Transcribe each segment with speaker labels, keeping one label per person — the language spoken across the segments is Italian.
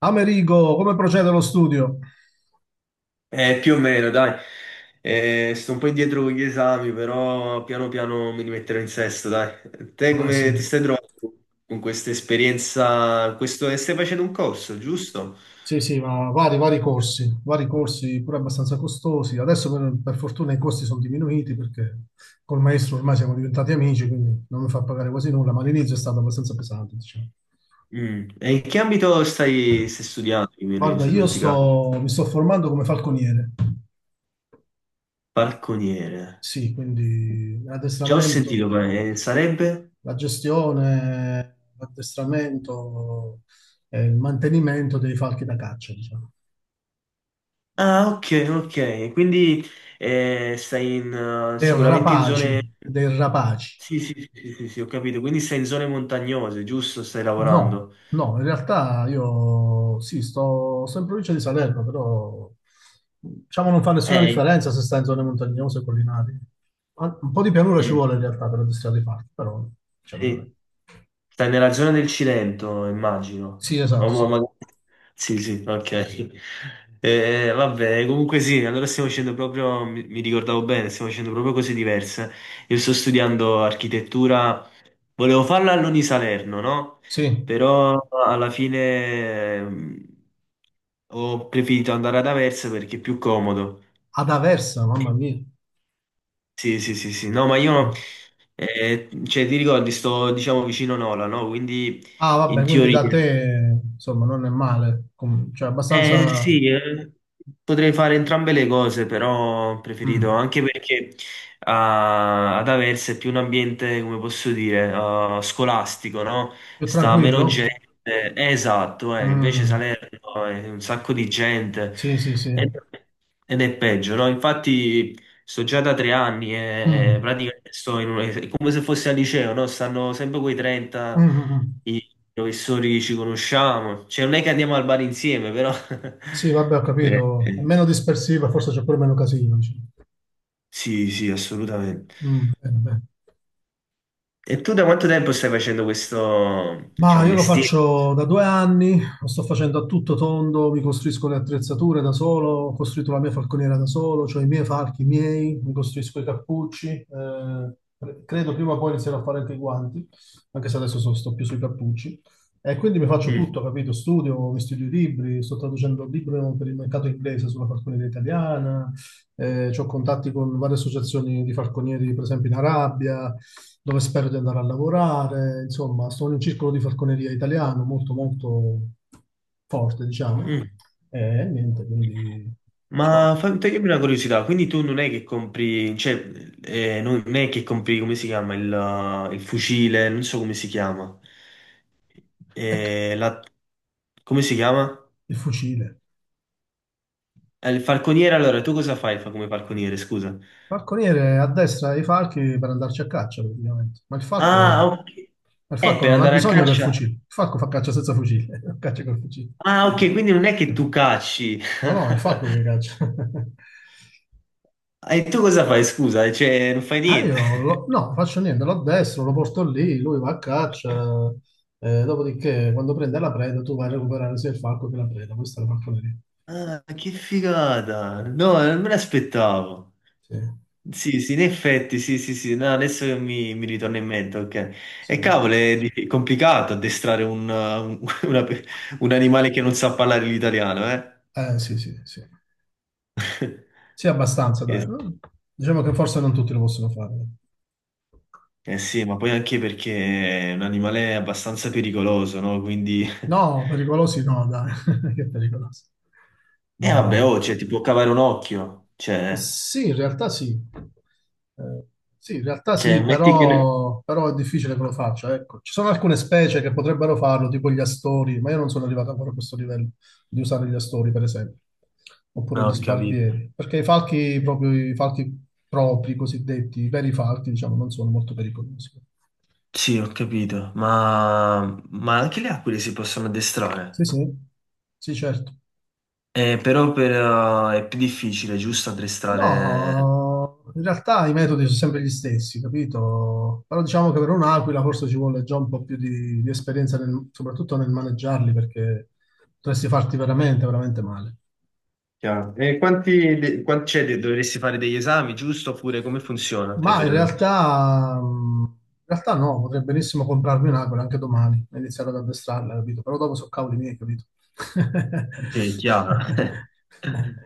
Speaker 1: Amerigo, come procede lo studio?
Speaker 2: Più o meno, dai. Sto un po' indietro con gli esami, però piano piano mi rimetterò in sesto, dai. Te
Speaker 1: Ma sì,
Speaker 2: come ti stai trovando con questa esperienza? Questo, stai facendo un corso, giusto?
Speaker 1: sì, sì, ma vari corsi, vari corsi pure abbastanza costosi. Adesso per fortuna i costi sono diminuiti perché col maestro ormai siamo diventati amici, quindi non mi fa pagare quasi nulla, ma all'inizio è stato abbastanza pesante, diciamo.
Speaker 2: Mm. E in che ambito stai studiando? Che mi
Speaker 1: Guarda,
Speaker 2: sono dimenticato.
Speaker 1: mi sto formando come falconiere,
Speaker 2: Balconiere.
Speaker 1: sì, quindi
Speaker 2: Già ho
Speaker 1: l'addestramento,
Speaker 2: sentito, ma, sarebbe?
Speaker 1: la gestione, l'addestramento e il mantenimento dei falchi da caccia, diciamo.
Speaker 2: Ah, ok, ok. Quindi stai in,
Speaker 1: Dei
Speaker 2: sicuramente in
Speaker 1: rapaci,
Speaker 2: zone.
Speaker 1: dei rapaci.
Speaker 2: Sì, sì, sì, sì, sì, sì, ho capito. Quindi sei in zone montagnose, giusto? Stai
Speaker 1: No,
Speaker 2: lavorando.
Speaker 1: no, in realtà io sì, sto in provincia di Salerno, però diciamo non fa nessuna
Speaker 2: Eh,
Speaker 1: differenza se stai in zone montagnose o collinari. Un po' di pianura ci
Speaker 2: mm,
Speaker 1: vuole in realtà per addestrare i fatti, però diciamo non è.
Speaker 2: sì. Stai nella zona del Cilento, immagino.
Speaker 1: Sì,
Speaker 2: O
Speaker 1: esatto, sì.
Speaker 2: Sì, sì, ok. Vabbè, comunque sì, allora stiamo facendo proprio, mi ricordavo bene, stiamo facendo proprio cose diverse. Io sto studiando architettura, volevo farla all'Uni Salerno, no?
Speaker 1: Sì,
Speaker 2: Però alla fine ho preferito andare ad Aversa perché è più comodo.
Speaker 1: ad Aversa, mamma mia.
Speaker 2: Sì, sì, sì, sì. No, ma io, cioè, ti ricordi, sto, diciamo, vicino Nola, no? Quindi,
Speaker 1: Ah,
Speaker 2: in
Speaker 1: vabbè, quindi
Speaker 2: teoria,
Speaker 1: da te, insomma, non è male. Cioè abbastanza
Speaker 2: sì, potrei fare entrambe le cose, però ho preferito,
Speaker 1: mm,
Speaker 2: anche perché ah, ad Aversa è più un ambiente, come posso dire, ah, scolastico, no?
Speaker 1: più
Speaker 2: Sta meno
Speaker 1: tranquillo.
Speaker 2: gente. Esatto, invece
Speaker 1: Mm.
Speaker 2: Salerno è un sacco di gente
Speaker 1: Sì, sì, sì.
Speaker 2: ed ed è peggio, no? Infatti sto già da 3 anni e
Speaker 1: Mm.
Speaker 2: praticamente sto in è come se fossi al liceo, no? Stanno sempre quei
Speaker 1: Mm,
Speaker 2: 30
Speaker 1: mm, mm.
Speaker 2: i professori che ci conosciamo. Cioè, non è che andiamo al bar insieme, però.
Speaker 1: Sì, vabbè, ho capito. È
Speaker 2: Eh.
Speaker 1: meno dispersiva, forse c'è pure meno casino, dici.
Speaker 2: Sì, sì, assolutamente.
Speaker 1: Mm, bene, bene.
Speaker 2: E tu da quanto tempo stai facendo questo, cioè,
Speaker 1: Ma
Speaker 2: un
Speaker 1: io lo
Speaker 2: mestiere?
Speaker 1: faccio da 2 anni, lo sto facendo a tutto tondo, mi costruisco le attrezzature da solo, ho costruito la mia falconiera da solo, cioè i miei falchi miei, mi costruisco i cappucci, credo prima o poi inizierò a fare anche i guanti, anche se adesso sto più sui cappucci. E quindi mi faccio
Speaker 2: Mm,
Speaker 1: tutto, capito? Studio, mi studio i libri, sto traducendo il libro per il mercato inglese sulla falconiera italiana, ho contatti con varie associazioni di falconieri, per esempio in Arabia, dove spero di andare a lavorare, insomma, sono in un circolo di falconeria italiano molto molto forte, diciamo,
Speaker 2: mm.
Speaker 1: e niente, quindi diciamo,
Speaker 2: Ma fammi togliermi una curiosità, quindi tu non è che compri, cioè, non è che compri, come si chiama, il fucile, non so come si chiama.
Speaker 1: ecco,
Speaker 2: La, come si chiama?
Speaker 1: il fucile.
Speaker 2: Il falconiere, allora, tu cosa fai fa come falconiere, scusa?
Speaker 1: Falconiere a destra dei falchi per andarci a caccia, praticamente, ma il
Speaker 2: Ah,
Speaker 1: falco,
Speaker 2: ok,
Speaker 1: ma il falco
Speaker 2: per
Speaker 1: non ha
Speaker 2: andare a
Speaker 1: bisogno del
Speaker 2: caccia,
Speaker 1: fucile, il falco fa caccia senza fucile, caccia col fucile.
Speaker 2: ah, ok, quindi non è che tu cacci,
Speaker 1: No, no, è il falco che caccia.
Speaker 2: e tu cosa fai, scusa, cioè, non fai
Speaker 1: Ah,
Speaker 2: niente.
Speaker 1: no, faccio niente, lo addestro, lo porto lì, lui va a caccia, dopodiché quando prende la preda tu vai a recuperare sia il falco che la preda, questa è la falconeria.
Speaker 2: Ah, che figata, no, non me l'aspettavo.
Speaker 1: Sì,
Speaker 2: Sì, sì, in effetti, sì, sì, sì, no, adesso che mi ritorna in mente, ok.
Speaker 1: sì.
Speaker 2: E cavolo, è complicato addestrare una pe- un animale che non sa parlare l'italiano, eh?
Speaker 1: Sì, sì, sì. Sì, abbastanza, dai,
Speaker 2: Eh,
Speaker 1: no? Diciamo che forse non tutti lo possono fare.
Speaker 2: eh sì, ma poi anche perché è un animale abbastanza pericoloso, no? Quindi.
Speaker 1: No, pericolosi no, dai. Che pericolosi.
Speaker 2: E
Speaker 1: No,
Speaker 2: vabbè,
Speaker 1: dai.
Speaker 2: oh, cioè, ti può cavare un occhio,
Speaker 1: Sì, in realtà sì. Eh, sì, in realtà
Speaker 2: cioè,
Speaker 1: sì,
Speaker 2: metti che.
Speaker 1: però è difficile che lo faccia. Ecco. Ci sono alcune specie che potrebbero farlo, tipo gli astori, ma io non sono arrivato ancora a questo livello di usare gli astori, per esempio,
Speaker 2: No,
Speaker 1: oppure
Speaker 2: ho
Speaker 1: gli
Speaker 2: capito.
Speaker 1: sparvieri, perché i falchi, proprio i falchi propri, cosiddetti, i veri falchi, diciamo, non sono molto pericolosi.
Speaker 2: Sì, ho capito, ma anche le aquile si possono
Speaker 1: Sì,
Speaker 2: addestrare.
Speaker 1: sì, sì, certo.
Speaker 2: Però per, è più difficile, giusto, addestrare.
Speaker 1: No, in realtà i metodi sono sempre gli stessi, capito? Però diciamo che per un'aquila forse ci vuole già un po' più di esperienza, soprattutto nel maneggiarli, perché potresti farti veramente, veramente male.
Speaker 2: Chiaro. E quanti c'è? Dovresti fare degli esami, giusto? Oppure come funziona? Te
Speaker 1: Ma
Speaker 2: per.
Speaker 1: in realtà no, potrei benissimo comprarmi un'aquila anche domani e iniziare ad addestrarla, capito? Però dopo sono cavoli miei, capito?
Speaker 2: Sì, è chiaro.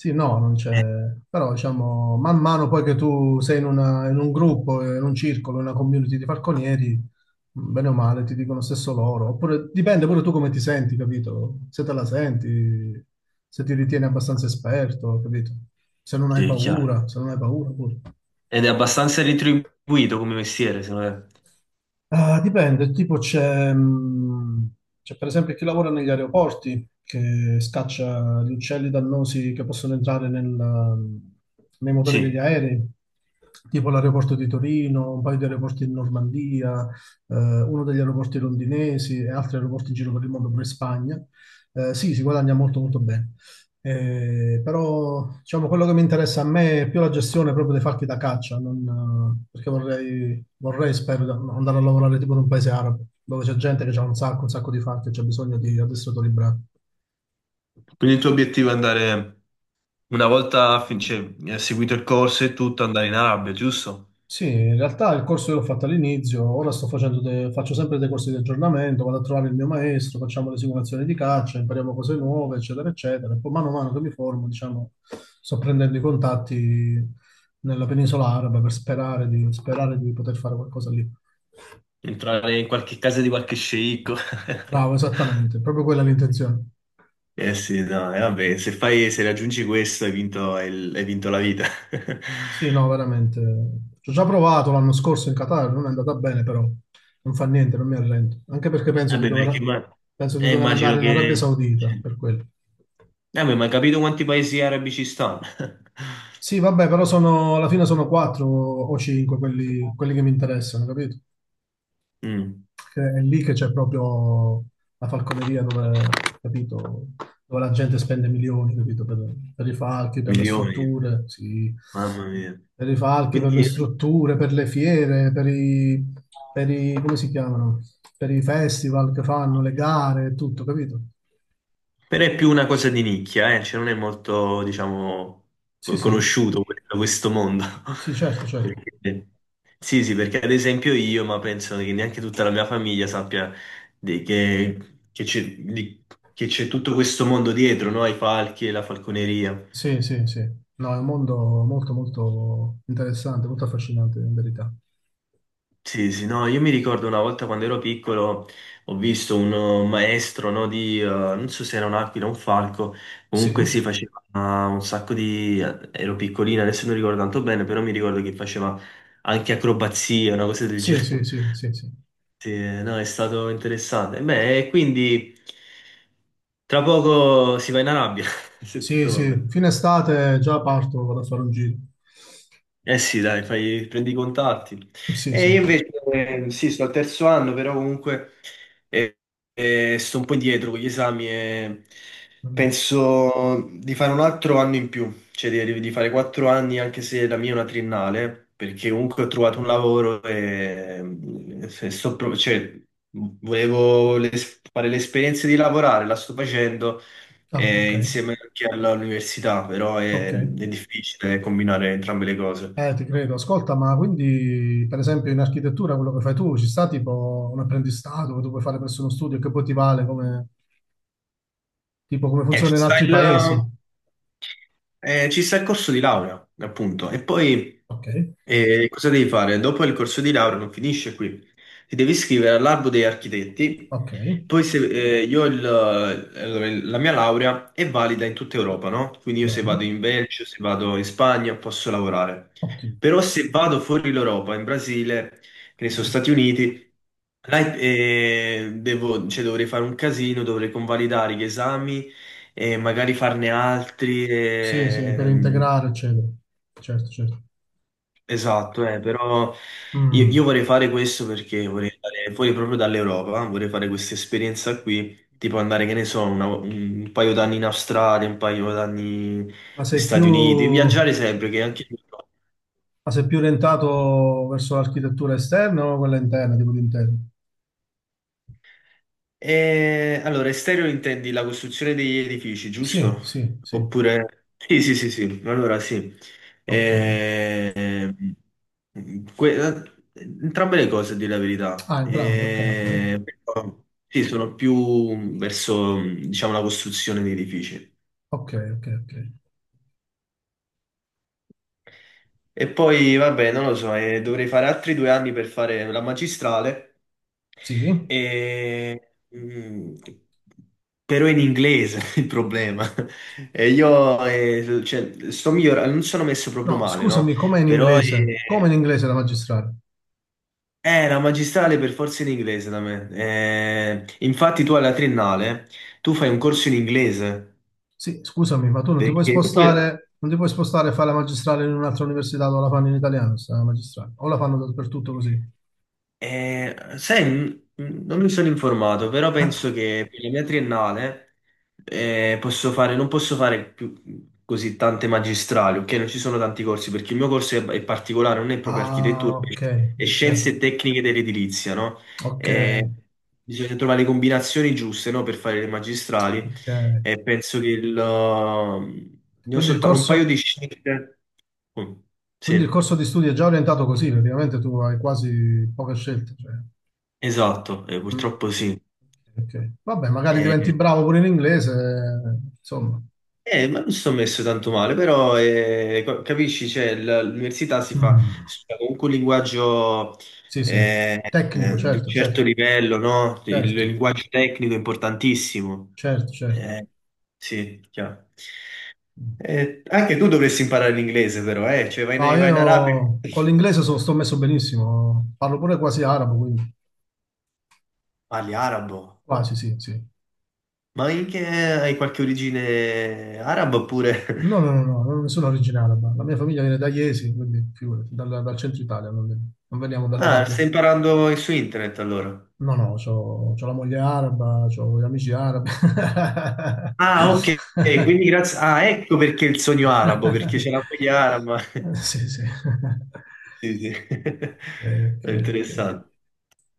Speaker 1: Sì, no, non c'è...
Speaker 2: Eh,
Speaker 1: Però diciamo, man mano poi che tu sei in, in un gruppo, in un circolo, in una community di falconieri, mm, bene o male ti dicono stesso loro. Oppure dipende pure tu come ti senti, capito? Se te la senti, se ti ritieni abbastanza esperto, capito? Se non hai
Speaker 2: sì, è chiaro.
Speaker 1: paura, se non hai paura pure.
Speaker 2: Ed è abbastanza ritribuito come mestiere, secondo me.
Speaker 1: Ah, dipende, tipo c'è per esempio chi lavora negli aeroporti che scaccia gli uccelli dannosi che possono entrare nei motori degli
Speaker 2: Sì.
Speaker 1: aerei, tipo l'aeroporto di Torino, un paio di aeroporti in Normandia, eh, uno degli aeroporti londinesi e altri aeroporti in giro per il mondo, pure in Spagna. Sì, si guadagna molto molto bene. Però diciamo quello che mi interessa a me è più la gestione proprio dei falchi da caccia, non, perché Vorrei, spero, andare a lavorare tipo in un paese arabo, dove c'è gente che ha un sacco di fatti e c'è bisogno di addestratori bravi.
Speaker 2: Quindi il tuo obiettivo è andare, una volta cioè, seguito il corso e tutto, andare in Arabia, giusto?
Speaker 1: Sì, in realtà il corso che ho fatto all'inizio, ora sto facendo faccio sempre dei corsi di aggiornamento, vado a trovare il mio maestro, facciamo le simulazioni di caccia, impariamo cose nuove, eccetera, eccetera. E poi mano a mano che mi formo, diciamo, sto prendendo i contatti nella penisola araba per sperare di poter fare qualcosa lì.
Speaker 2: Entrare in qualche casa di qualche sceicco.
Speaker 1: Bravo, esattamente, proprio quella è l'intenzione.
Speaker 2: Eh sì, no, e vabbè, se fai, se raggiungi questo hai vinto, hai vinto la vita.
Speaker 1: Sì, no, veramente. Ci ho già provato l'anno scorso in Qatar, non è andata bene, però non fa niente, non mi arrendo. Anche perché penso di
Speaker 2: Vabbè, perché
Speaker 1: dover, penso di dover
Speaker 2: immagino
Speaker 1: andare in Arabia
Speaker 2: che. Cioè,
Speaker 1: Saudita per quello.
Speaker 2: beh, ma hai capito quanti paesi arabi ci stanno?
Speaker 1: Sì, vabbè, però sono, alla fine sono quattro o cinque quelli che mi interessano, capito?
Speaker 2: Mm,
Speaker 1: Che è lì che c'è proprio la falconeria dove, capito, dove la gente spende milioni, capito, per i falchi, per le
Speaker 2: milioni,
Speaker 1: strutture, sì,
Speaker 2: mamma mia.
Speaker 1: per i falchi, per le
Speaker 2: Quindi,
Speaker 1: strutture, per le fiere, come si chiamano? Per i festival che fanno, le gare, tutto, capito?
Speaker 2: però è più una cosa di nicchia, eh? Cioè non è molto, diciamo,
Speaker 1: Sì, sì,
Speaker 2: conosciuto questo mondo.
Speaker 1: sì, certo, certo.
Speaker 2: Perché- Sì, sì, perché ad esempio io, ma penso che neanche tutta la mia famiglia sappia di- che che c'è che c'è tutto questo mondo dietro, no? Ai falchi e la falconeria.
Speaker 1: Sì, sì, sì. No, è un mondo molto, molto interessante, molto affascinante, in verità.
Speaker 2: Sì, sì, no, io mi ricordo una volta quando ero piccolo ho visto un maestro, no, di, non so se era un'aquila o un falco,
Speaker 1: Sì,
Speaker 2: comunque si faceva un sacco di. Ero piccolina, adesso non ricordo tanto bene, però mi ricordo che faceva anche acrobazie, una cosa del
Speaker 1: sì, sì,
Speaker 2: genere.
Speaker 1: sì, sì, sì.
Speaker 2: Sì, no, è stato interessante. Beh, e quindi tra poco si va in Arabia, se
Speaker 1: Sì,
Speaker 2: tutto va
Speaker 1: sì,
Speaker 2: bene.
Speaker 1: fine estate già parto, vado a fare un giro.
Speaker 2: Eh sì, dai, prendi i contatti.
Speaker 1: Sì,
Speaker 2: E
Speaker 1: sì.
Speaker 2: io invece, sì, sto al terzo anno, però comunque eh, sto un po' indietro con gli esami e
Speaker 1: Mm.
Speaker 2: penso di fare un altro anno in più, cioè di fare 4 anni anche se la mia è una triennale, perché comunque ho trovato un lavoro e, se sto cioè, volevo fare l'esperienza di lavorare, la sto facendo
Speaker 1: Ah, ok,
Speaker 2: insieme anche all'università, però
Speaker 1: ok.
Speaker 2: è difficile combinare entrambe le cose.
Speaker 1: Ti credo. Ascolta, ma quindi, per esempio, in architettura quello che fai tu, ci sta tipo un apprendistato che tu puoi fare presso uno studio e che poi ti vale come, tipo, come
Speaker 2: Eh, ci
Speaker 1: funziona in
Speaker 2: sta
Speaker 1: altri
Speaker 2: il,
Speaker 1: paesi?
Speaker 2: ci sta il corso di laurea, appunto. E poi
Speaker 1: Ok,
Speaker 2: cosa devi fare? Dopo il corso di laurea non finisce qui. Ti devi iscrivere all'albo degli architetti.
Speaker 1: ok,
Speaker 2: Poi se, io allora, la mia laurea è valida in tutta Europa, no? Quindi io se vado
Speaker 1: bello,
Speaker 2: in Belgio, se vado in Spagna posso lavorare.
Speaker 1: ottimo.
Speaker 2: Però se vado fuori l'Europa, in Brasile, che ne so, Stati Uniti, là, cioè, dovrei fare un casino, dovrei convalidare gli esami e magari farne altri.
Speaker 1: Sì, sì, per integrare, eccetera. Certo, certo.
Speaker 2: Esatto, però io
Speaker 1: Mm.
Speaker 2: vorrei fare questo perché vorrei andare fuori proprio dall'Europa, vorrei fare questa esperienza qui, tipo andare, che ne so, un paio d'anni in Australia, un paio d'anni
Speaker 1: Ma
Speaker 2: negli
Speaker 1: sei più,
Speaker 2: Stati Uniti,
Speaker 1: ma
Speaker 2: viaggiare sempre, che anche io.
Speaker 1: sei più orientato verso l'architettura esterna o quella interna, tipo di interno?
Speaker 2: E, allora, estereo intendi la costruzione degli edifici,
Speaker 1: Sì,
Speaker 2: giusto? Sì.
Speaker 1: sì, sì,
Speaker 2: Oppure. Sì, sì, sì, sì, allora sì.
Speaker 1: ok.
Speaker 2: Ehm, que- eh, entrambe le cose, a dire la verità.
Speaker 1: Ah, entrambe, ok, ok,
Speaker 2: Però, sì, sono più verso, diciamo, la costruzione di edifici.
Speaker 1: ok, ok, ok.
Speaker 2: E poi, vabbè, non lo so, dovrei fare altri 2 anni per fare la magistrale,
Speaker 1: Sì.
Speaker 2: e, mm, però in inglese il problema. E io cioè, sto migliorando, non sono messo proprio
Speaker 1: No,
Speaker 2: male, no?
Speaker 1: scusami, com'è in
Speaker 2: Però
Speaker 1: inglese? Com'è in inglese la magistrale?
Speaker 2: la magistrale per forza in inglese da me. Infatti tu alla triennale, tu fai un corso in inglese,
Speaker 1: Sì, scusami, ma tu non ti puoi
Speaker 2: perché
Speaker 1: spostare, non ti puoi spostare e fare la magistrale in un'altra università dove la fanno in italiano, sta magistrale. O la fanno dappertutto così.
Speaker 2: Sai, non mi sono informato, però penso
Speaker 1: Ah,
Speaker 2: che per la mia triennale posso fare, non posso fare più così tante magistrali, ok? Non ci sono tanti corsi, perché il mio corso è particolare, non è proprio
Speaker 1: ah,
Speaker 2: architettura,
Speaker 1: ok,
Speaker 2: è
Speaker 1: ok,
Speaker 2: scienze e tecniche dell'edilizia, no?
Speaker 1: ok,
Speaker 2: Eh, bisogna trovare le combinazioni giuste, no, per fare le magistrali
Speaker 1: ok.
Speaker 2: e penso che ne ho
Speaker 1: Quindi il
Speaker 2: soltanto un paio
Speaker 1: corso,
Speaker 2: di scelte. Mm,
Speaker 1: quindi il
Speaker 2: sì,
Speaker 1: corso di studi è già orientato così, praticamente tu hai quasi poche scelte, cioè.
Speaker 2: esatto,
Speaker 1: Mm.
Speaker 2: purtroppo sì.
Speaker 1: Ok, ok. Vabbè, magari diventi
Speaker 2: Eh,
Speaker 1: bravo pure in inglese, insomma.
Speaker 2: eh, ma non ci sono messo tanto male, però capisci, cioè, l'università
Speaker 1: Mm.
Speaker 2: si fa comunque un linguaggio
Speaker 1: Sì, sì. Tecnico,
Speaker 2: di un
Speaker 1: certo,
Speaker 2: certo
Speaker 1: certo,
Speaker 2: livello, no? Il
Speaker 1: certo,
Speaker 2: linguaggio tecnico è importantissimo.
Speaker 1: certo, certo.
Speaker 2: Eh, sì, chiaro.
Speaker 1: Mm.
Speaker 2: Anche tu dovresti imparare l'inglese, però, eh? Cioè,
Speaker 1: No,
Speaker 2: vai in Arabia
Speaker 1: io
Speaker 2: e
Speaker 1: con l'inglese sto messo benissimo, parlo pure quasi arabo, quindi
Speaker 2: parli arabo.
Speaker 1: quasi, sì, sì.
Speaker 2: Ma in che hai qualche origine araba oppure?
Speaker 1: No, no, no, no, non sono originale, ma la mia famiglia viene da Iesi, quindi figurati, dal centro Italia, non veniamo
Speaker 2: Ah, stai
Speaker 1: dall'Arabia.
Speaker 2: imparando su internet allora?
Speaker 1: No, no, c'ho la moglie araba, c'ho gli amici arabi.
Speaker 2: Ah, ok, quindi grazie. Ah, ecco perché il sogno arabo, perché c'è la moglie araba.
Speaker 1: Sì, sì.
Speaker 2: Sì, sì.
Speaker 1: Ok, ok,
Speaker 2: È
Speaker 1: ok.
Speaker 2: interessante.